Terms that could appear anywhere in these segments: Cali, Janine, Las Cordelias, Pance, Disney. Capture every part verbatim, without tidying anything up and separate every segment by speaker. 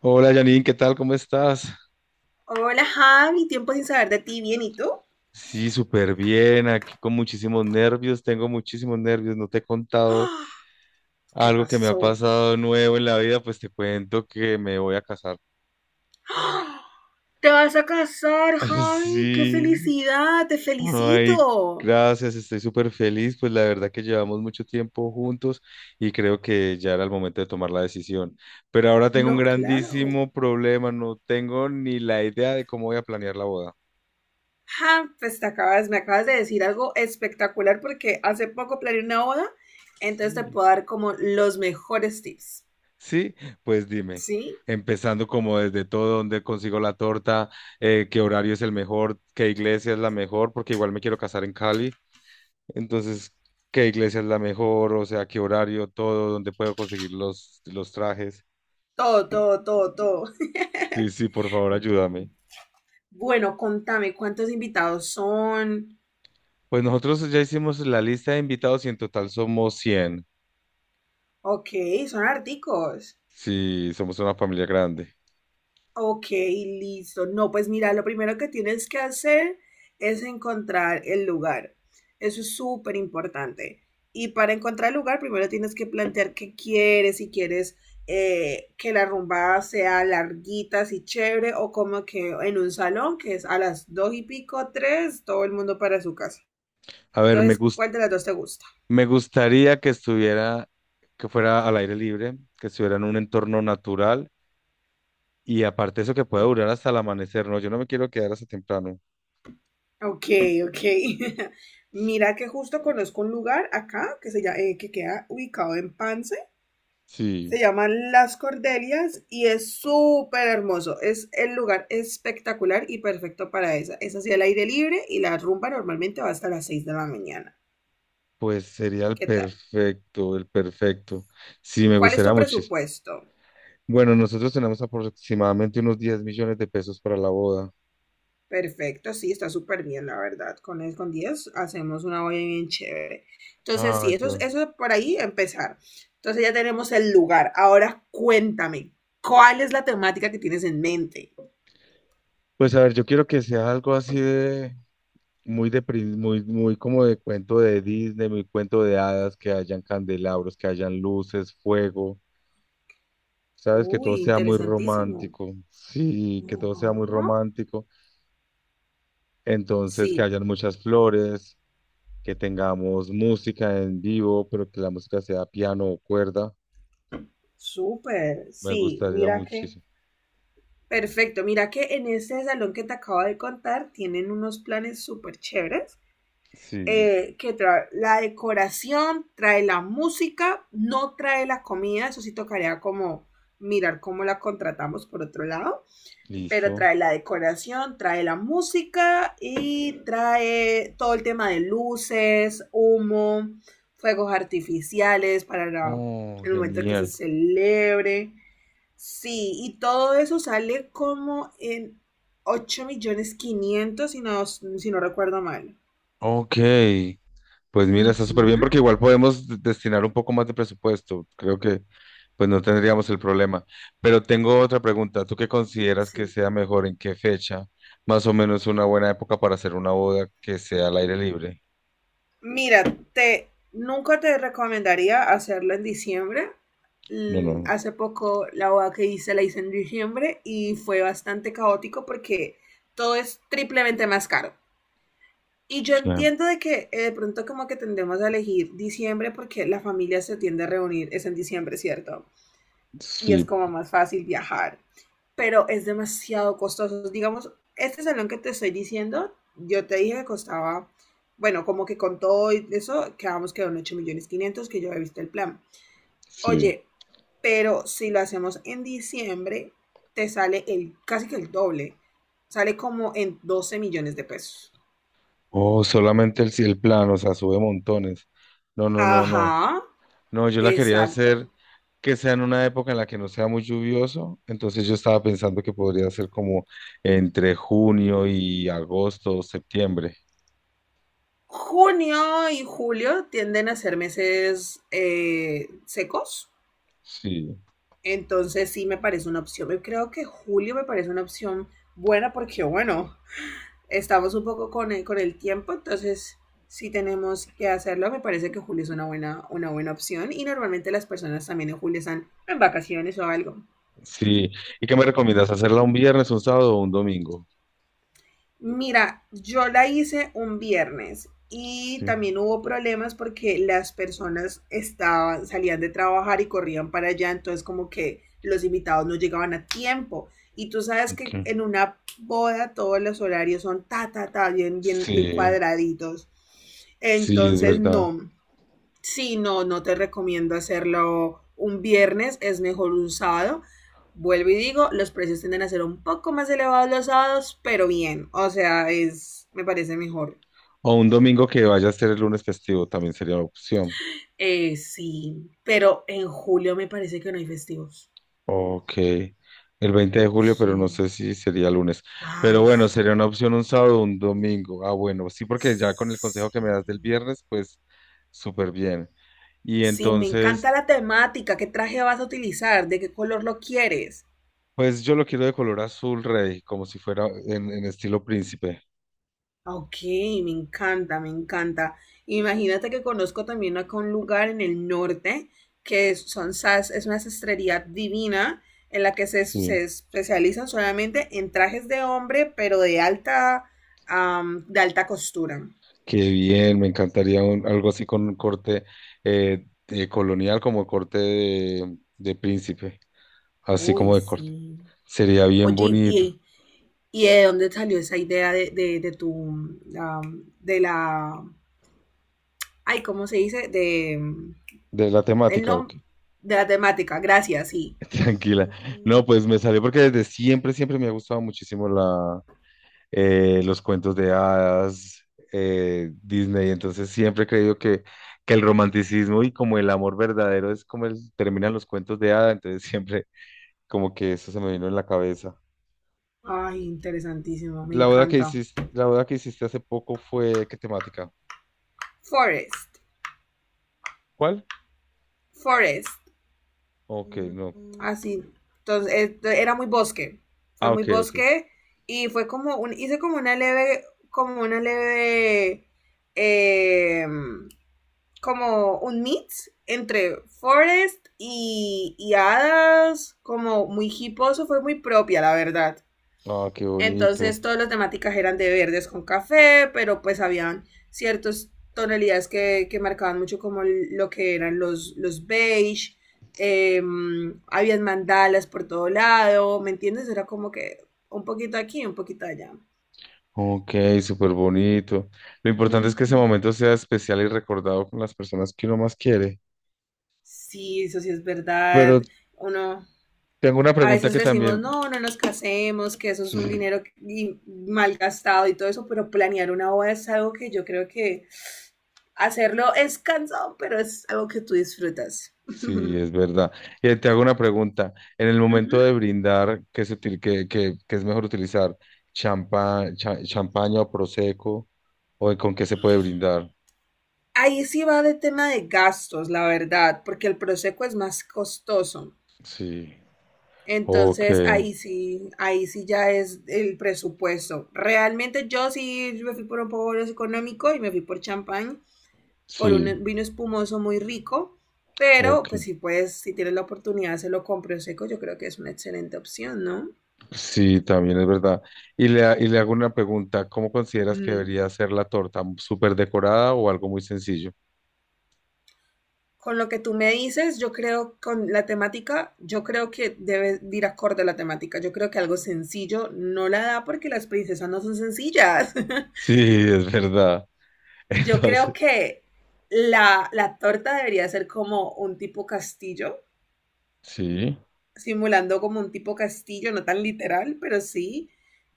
Speaker 1: Hola Janine, ¿qué tal? ¿Cómo estás?
Speaker 2: Hola Javi, tiempo sin saber de ti, bien, ¿y tú?
Speaker 1: Sí, súper bien, aquí con muchísimos nervios, tengo muchísimos nervios, no te he contado
Speaker 2: ¿Qué
Speaker 1: algo que me ha
Speaker 2: pasó?
Speaker 1: pasado nuevo en la vida, pues te cuento que me voy a casar.
Speaker 2: ¿Te vas a casar, Javi? ¡Qué
Speaker 1: Sí,
Speaker 2: felicidad! ¡Te
Speaker 1: ay,
Speaker 2: felicito!
Speaker 1: gracias, estoy súper feliz, pues la verdad que llevamos mucho tiempo juntos y creo que ya era el momento de tomar la decisión, pero ahora tengo un
Speaker 2: No, claro.
Speaker 1: grandísimo problema, no tengo ni la idea de cómo voy a planear la boda.
Speaker 2: Ja, pues te acabas, me acabas de decir algo espectacular porque hace poco planeé una boda, entonces te
Speaker 1: Sí.
Speaker 2: puedo dar como los mejores tips,
Speaker 1: Sí, pues dime,
Speaker 2: ¿sí?
Speaker 1: empezando como desde todo, dónde consigo la torta. Eh, ¿qué horario es el mejor? ¿Qué iglesia es la mejor? Porque igual me quiero casar en Cali, entonces, qué iglesia es la mejor, o sea, qué horario, todo, dónde puedo conseguir los, los trajes.
Speaker 2: Todo, todo, todo, todo.
Speaker 1: Sí, sí, por favor, ayúdame.
Speaker 2: Bueno, contame, ¿cuántos invitados son?
Speaker 1: Pues nosotros ya hicimos la lista de invitados y en total somos cien.
Speaker 2: Ok, son articos.
Speaker 1: Sí, somos una familia grande.
Speaker 2: Ok, listo. No, pues mira, lo primero que tienes que hacer es encontrar el lugar. Eso es súper importante. Y para encontrar el lugar, primero tienes que plantear qué quieres, si quieres eh, que la rumba sea larguita, así chévere, o como que en un salón, que es a las dos y pico, tres, todo el mundo para su casa.
Speaker 1: A ver, me
Speaker 2: Entonces,
Speaker 1: gus-
Speaker 2: ¿cuál de las dos te gusta?
Speaker 1: me gustaría que estuviera, que fuera al aire libre, que estuviera en un entorno natural. Y aparte eso que puede durar hasta el amanecer, ¿no? Yo no me quiero quedar hasta temprano.
Speaker 2: Ok, ok. Mira que justo conozco un lugar acá que se llama, que queda ubicado en Pance.
Speaker 1: Sí,
Speaker 2: Se llaman Las Cordelias y es súper hermoso. Es el lugar espectacular y perfecto para esa. Es así al aire libre y la rumba normalmente va hasta las seis de la mañana.
Speaker 1: pues sería el
Speaker 2: ¿Qué tal?
Speaker 1: perfecto, el perfecto. Sí, me
Speaker 2: ¿Cuál es tu
Speaker 1: gustaría muchísimo.
Speaker 2: presupuesto?
Speaker 1: Bueno, nosotros tenemos aproximadamente unos diez millones de pesos para la boda.
Speaker 2: Perfecto, sí, está súper bien, la verdad. Con el, con diez hacemos una olla bien chévere. Entonces, sí,
Speaker 1: Ay, qué
Speaker 2: eso, es-
Speaker 1: bueno.
Speaker 2: eso es por ahí empezar. Entonces ya tenemos el lugar. Ahora cuéntame, ¿cuál es la temática que tienes en mente?
Speaker 1: Pues a ver, yo quiero que sea algo así de muy de prin- muy muy como de cuento de Disney, muy cuento de hadas, que hayan candelabros, que hayan luces, fuego. Sabes que todo
Speaker 2: Uy,
Speaker 1: sea muy
Speaker 2: interesantísimo.
Speaker 1: romántico. Sí, que todo sea muy
Speaker 2: Ajá.
Speaker 1: romántico. Entonces, que
Speaker 2: Sí,
Speaker 1: hayan muchas flores, que tengamos música en vivo, pero que la música sea piano o cuerda.
Speaker 2: súper.
Speaker 1: Me
Speaker 2: Sí,
Speaker 1: gustaría
Speaker 2: mira que
Speaker 1: muchísimo.
Speaker 2: perfecto, mira que en ese salón que te acabo de contar tienen unos planes súper chéveres,
Speaker 1: Sí,
Speaker 2: eh, que trae la decoración, trae la música, no trae la comida, eso sí tocaría como mirar cómo la contratamos por otro lado, pero
Speaker 1: listo.
Speaker 2: trae la decoración, trae la música y trae todo el tema de luces, humo, fuegos artificiales para la-
Speaker 1: Oh,
Speaker 2: el momento que se
Speaker 1: genial.
Speaker 2: celebre. Sí, y todo eso sale como en ocho millones quinientos si no, si no recuerdo mal.
Speaker 1: Ok, pues mira, está súper bien
Speaker 2: Ujú,
Speaker 1: porque igual podemos de- destinar un poco más de presupuesto. Creo que pues no tendríamos el problema. Pero tengo otra pregunta. ¿Tú qué consideras que
Speaker 2: sí.
Speaker 1: sea mejor? ¿En qué fecha? Más o menos una buena época para hacer una boda que sea al aire libre.
Speaker 2: Mira, te, nunca te recomendaría hacerlo en diciembre.
Speaker 1: No,
Speaker 2: Mm,
Speaker 1: no,
Speaker 2: Hace poco la boda que hice la hice en diciembre y fue bastante caótico porque todo es triplemente más caro. Y yo
Speaker 1: claro.
Speaker 2: entiendo de que eh, de pronto como que tendemos a elegir diciembre porque la familia se tiende a reunir, es en diciembre, ¿cierto? Y es
Speaker 1: Sí,
Speaker 2: como más fácil viajar, pero es demasiado costoso. Digamos, este salón que te estoy diciendo, yo te dije que costaba, bueno, como que con todo y eso, quedamos que en ocho millones quinientos que yo he visto el plan.
Speaker 1: sí.
Speaker 2: Oye, pero si lo hacemos en diciembre, te sale el, casi que el doble, sale como en doce millones de pesos.
Speaker 1: Oh, solamente el, el plano, o sea, sube montones. No, no, no, no.
Speaker 2: Ajá,
Speaker 1: No, yo la quería
Speaker 2: exacto.
Speaker 1: hacer que sea en una época en la que no sea muy lluvioso. Entonces yo estaba pensando que podría ser como entre junio y agosto o septiembre.
Speaker 2: Junio y julio tienden a ser meses eh, secos.
Speaker 1: Sí,
Speaker 2: Entonces sí me parece una opción. Yo creo que julio me parece una opción buena porque, bueno, estamos un poco con el, con el tiempo, entonces si tenemos que hacerlo, me parece que julio es una buena, una buena opción y normalmente las personas también en julio están en vacaciones o algo.
Speaker 1: sí. ¿Y qué me recomiendas? ¿Hacerla un viernes, un sábado o un domingo?
Speaker 2: Mira, yo la hice un viernes y
Speaker 1: Sí,
Speaker 2: también hubo problemas porque las personas estaban, salían de trabajar y corrían para allá, entonces como que los invitados no llegaban a tiempo. Y tú sabes
Speaker 1: ok.
Speaker 2: que en una boda todos los horarios son ta, ta, ta, bien, bien, bien
Speaker 1: Sí,
Speaker 2: cuadraditos.
Speaker 1: sí, es
Speaker 2: Entonces,
Speaker 1: verdad.
Speaker 2: no. Sí, no, no te recomiendo hacerlo un viernes, es mejor un sábado. Vuelvo y digo, los precios tienden a ser un poco más elevados los sábados, pero bien, o sea, es, me parece mejor.
Speaker 1: O un domingo que vaya a ser el lunes festivo también sería una opción.
Speaker 2: Eh, sí, pero en julio me parece que no hay festivos.
Speaker 1: Ok, el veinte de julio, pero no
Speaker 2: Sí.
Speaker 1: sé si sería lunes. Pero
Speaker 2: Ay,
Speaker 1: bueno,
Speaker 2: sí.
Speaker 1: sería una opción un sábado o un domingo. Ah, bueno, sí, porque ya con el consejo que
Speaker 2: Sí,
Speaker 1: me das del viernes, pues súper bien. Y
Speaker 2: sí, me
Speaker 1: entonces,
Speaker 2: encanta la temática. ¿Qué traje vas a utilizar? ¿De qué color lo quieres?
Speaker 1: pues yo lo quiero de color azul rey, como si fuera en, en estilo príncipe.
Speaker 2: Ok, me encanta, me encanta. Imagínate que conozco también acá un lugar en el norte que es- son sas, es una sastrería divina en la que se,
Speaker 1: Sí,
Speaker 2: se especializan solamente en trajes de hombre, pero de alta, am, de alta costura.
Speaker 1: qué bien, me encantaría un- algo así con un corte eh, eh, colonial, como corte de, de príncipe, así
Speaker 2: Uy,
Speaker 1: como de corte.
Speaker 2: sí.
Speaker 1: Sería bien
Speaker 2: Oye,
Speaker 1: bonito.
Speaker 2: ¿y, y de dónde salió esa idea de, de, de tu, am, de la, ay, ¿cómo se dice? De, mm,
Speaker 1: ¿De la
Speaker 2: del
Speaker 1: temática o
Speaker 2: nombre, de la temática? Gracias, sí.
Speaker 1: tranquila? No, pues me salió porque desde siempre, siempre me ha gustado muchísimo la, eh, los cuentos de hadas, eh, Disney. Entonces siempre he creído que, que el romanticismo y como el amor verdadero es como el- terminan los cuentos de hadas. Entonces siempre como que eso se me vino en la cabeza.
Speaker 2: Ay, interesantísimo, me
Speaker 1: La boda que
Speaker 2: encanta.
Speaker 1: hiciste, la boda que hiciste hace poco fue, ¿qué temática?
Speaker 2: Forest,
Speaker 1: ¿Cuál?
Speaker 2: forest,
Speaker 1: Ok, no.
Speaker 2: así. Entonces, eh, era muy bosque, fue
Speaker 1: Ah,
Speaker 2: muy
Speaker 1: ok, ok.
Speaker 2: bosque y fue como, un, hice como una leve, como una leve, eh, como un mix entre forest y, y hadas, como muy hiposo, fue muy propia, la verdad.
Speaker 1: Ah, qué bonito.
Speaker 2: Entonces todas las temáticas eran de verdes con café, pero pues habían ciertas tonalidades que, que marcaban mucho como lo que eran los, los beige, eh, habían mandalas por todo lado, ¿me entiendes? Era como que un poquito aquí, un poquito allá.
Speaker 1: Ok, súper bonito. Lo importante es que ese
Speaker 2: Ujú.
Speaker 1: momento sea especial y recordado con las personas que uno más quiere.
Speaker 2: Sí, eso sí es verdad.
Speaker 1: Pero
Speaker 2: Uno,
Speaker 1: tengo una
Speaker 2: a
Speaker 1: pregunta
Speaker 2: veces
Speaker 1: que
Speaker 2: decimos,
Speaker 1: también,
Speaker 2: no, no nos casemos, que eso es un
Speaker 1: sí,
Speaker 2: dinero que- y- malgastado y todo eso, pero planear una boda es algo que yo creo que hacerlo es cansado, pero es algo que tú disfrutas.
Speaker 1: sí, es verdad. Y te hago una pregunta. En el
Speaker 2: Uh
Speaker 1: momento
Speaker 2: -huh.
Speaker 1: de brindar, ¿qué se util- qué- qué- qué es mejor utilizar? ¿Champa, cha- champaña o prosecco? ¿O con qué se puede brindar?
Speaker 2: Ahí sí va de tema de gastos, la verdad, porque el Prosecco es más costoso.
Speaker 1: Sí, ok,
Speaker 2: Entonces ahí sí, ahí sí ya es el presupuesto. Realmente yo sí me fui por un poco más económico y me fui por champán, por
Speaker 1: sí,
Speaker 2: un vino espumoso muy rico, pero pues
Speaker 1: ok.
Speaker 2: si puedes, si tienes la oportunidad, se lo compro prosecco. Yo creo que es una excelente opción, ¿no?
Speaker 1: Sí, también es verdad. Y le, ha- y le hago una pregunta, ¿cómo consideras que
Speaker 2: Mm,
Speaker 1: debería ser la torta? ¿Súper decorada o algo muy sencillo?
Speaker 2: Con lo que tú me dices, yo creo con la temática, yo creo que debe de ir acorde a la temática. Yo creo que algo sencillo no la da porque las princesas no son sencillas.
Speaker 1: Sí, es verdad.
Speaker 2: Yo creo
Speaker 1: Entonces,
Speaker 2: que la, la torta debería ser como un tipo castillo,
Speaker 1: sí.
Speaker 2: simulando como un tipo castillo, no tan literal, pero sí,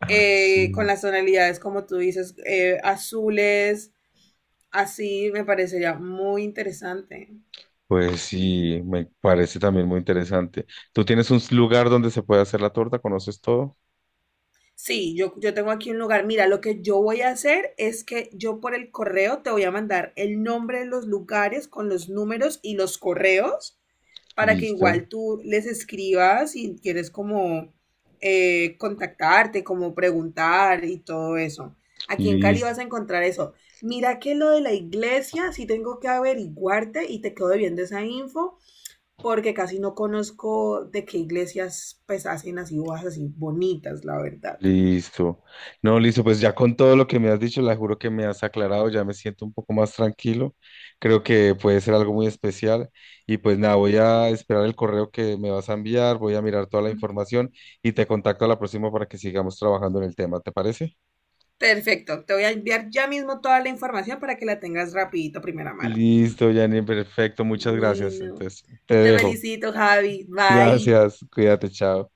Speaker 1: Ay,
Speaker 2: eh,
Speaker 1: sí.
Speaker 2: con las tonalidades como tú dices, eh, azules, así me parecería muy interesante.
Speaker 1: Pues sí, me parece también muy interesante. ¿Tú tienes un lugar donde se puede hacer la torta? ¿Conoces todo?
Speaker 2: Sí, yo, yo tengo aquí un lugar. Mira, lo que yo voy a hacer es que yo por el correo te voy a mandar el nombre de los lugares con los números y los correos para que
Speaker 1: Listo,
Speaker 2: igual tú les escribas y quieres como eh, contactarte, como preguntar y todo eso. Aquí en Cali
Speaker 1: listo.
Speaker 2: vas a encontrar eso. Mira que lo de la iglesia, sí tengo que averiguarte y te quedo debiendo esa info porque casi no conozco de qué iglesias pues hacen así bodas así bonitas, la verdad.
Speaker 1: Listo. No, listo, pues ya con todo lo que me has dicho, la juro que me has aclarado, ya me siento un poco más tranquilo. Creo que puede ser algo muy especial. Y pues nada, voy a esperar el correo que me vas a enviar, voy a mirar toda la información y te contacto a la próxima para que sigamos trabajando en el tema, ¿te parece?
Speaker 2: Perfecto, te voy a enviar ya mismo toda la información para que la tengas rapidito, primera mano.
Speaker 1: Listo, Janine, perfecto, muchas gracias.
Speaker 2: Bueno,
Speaker 1: Entonces, te
Speaker 2: te
Speaker 1: dejo.
Speaker 2: felicito, Javi. Bye.
Speaker 1: Gracias, cuídate, chao.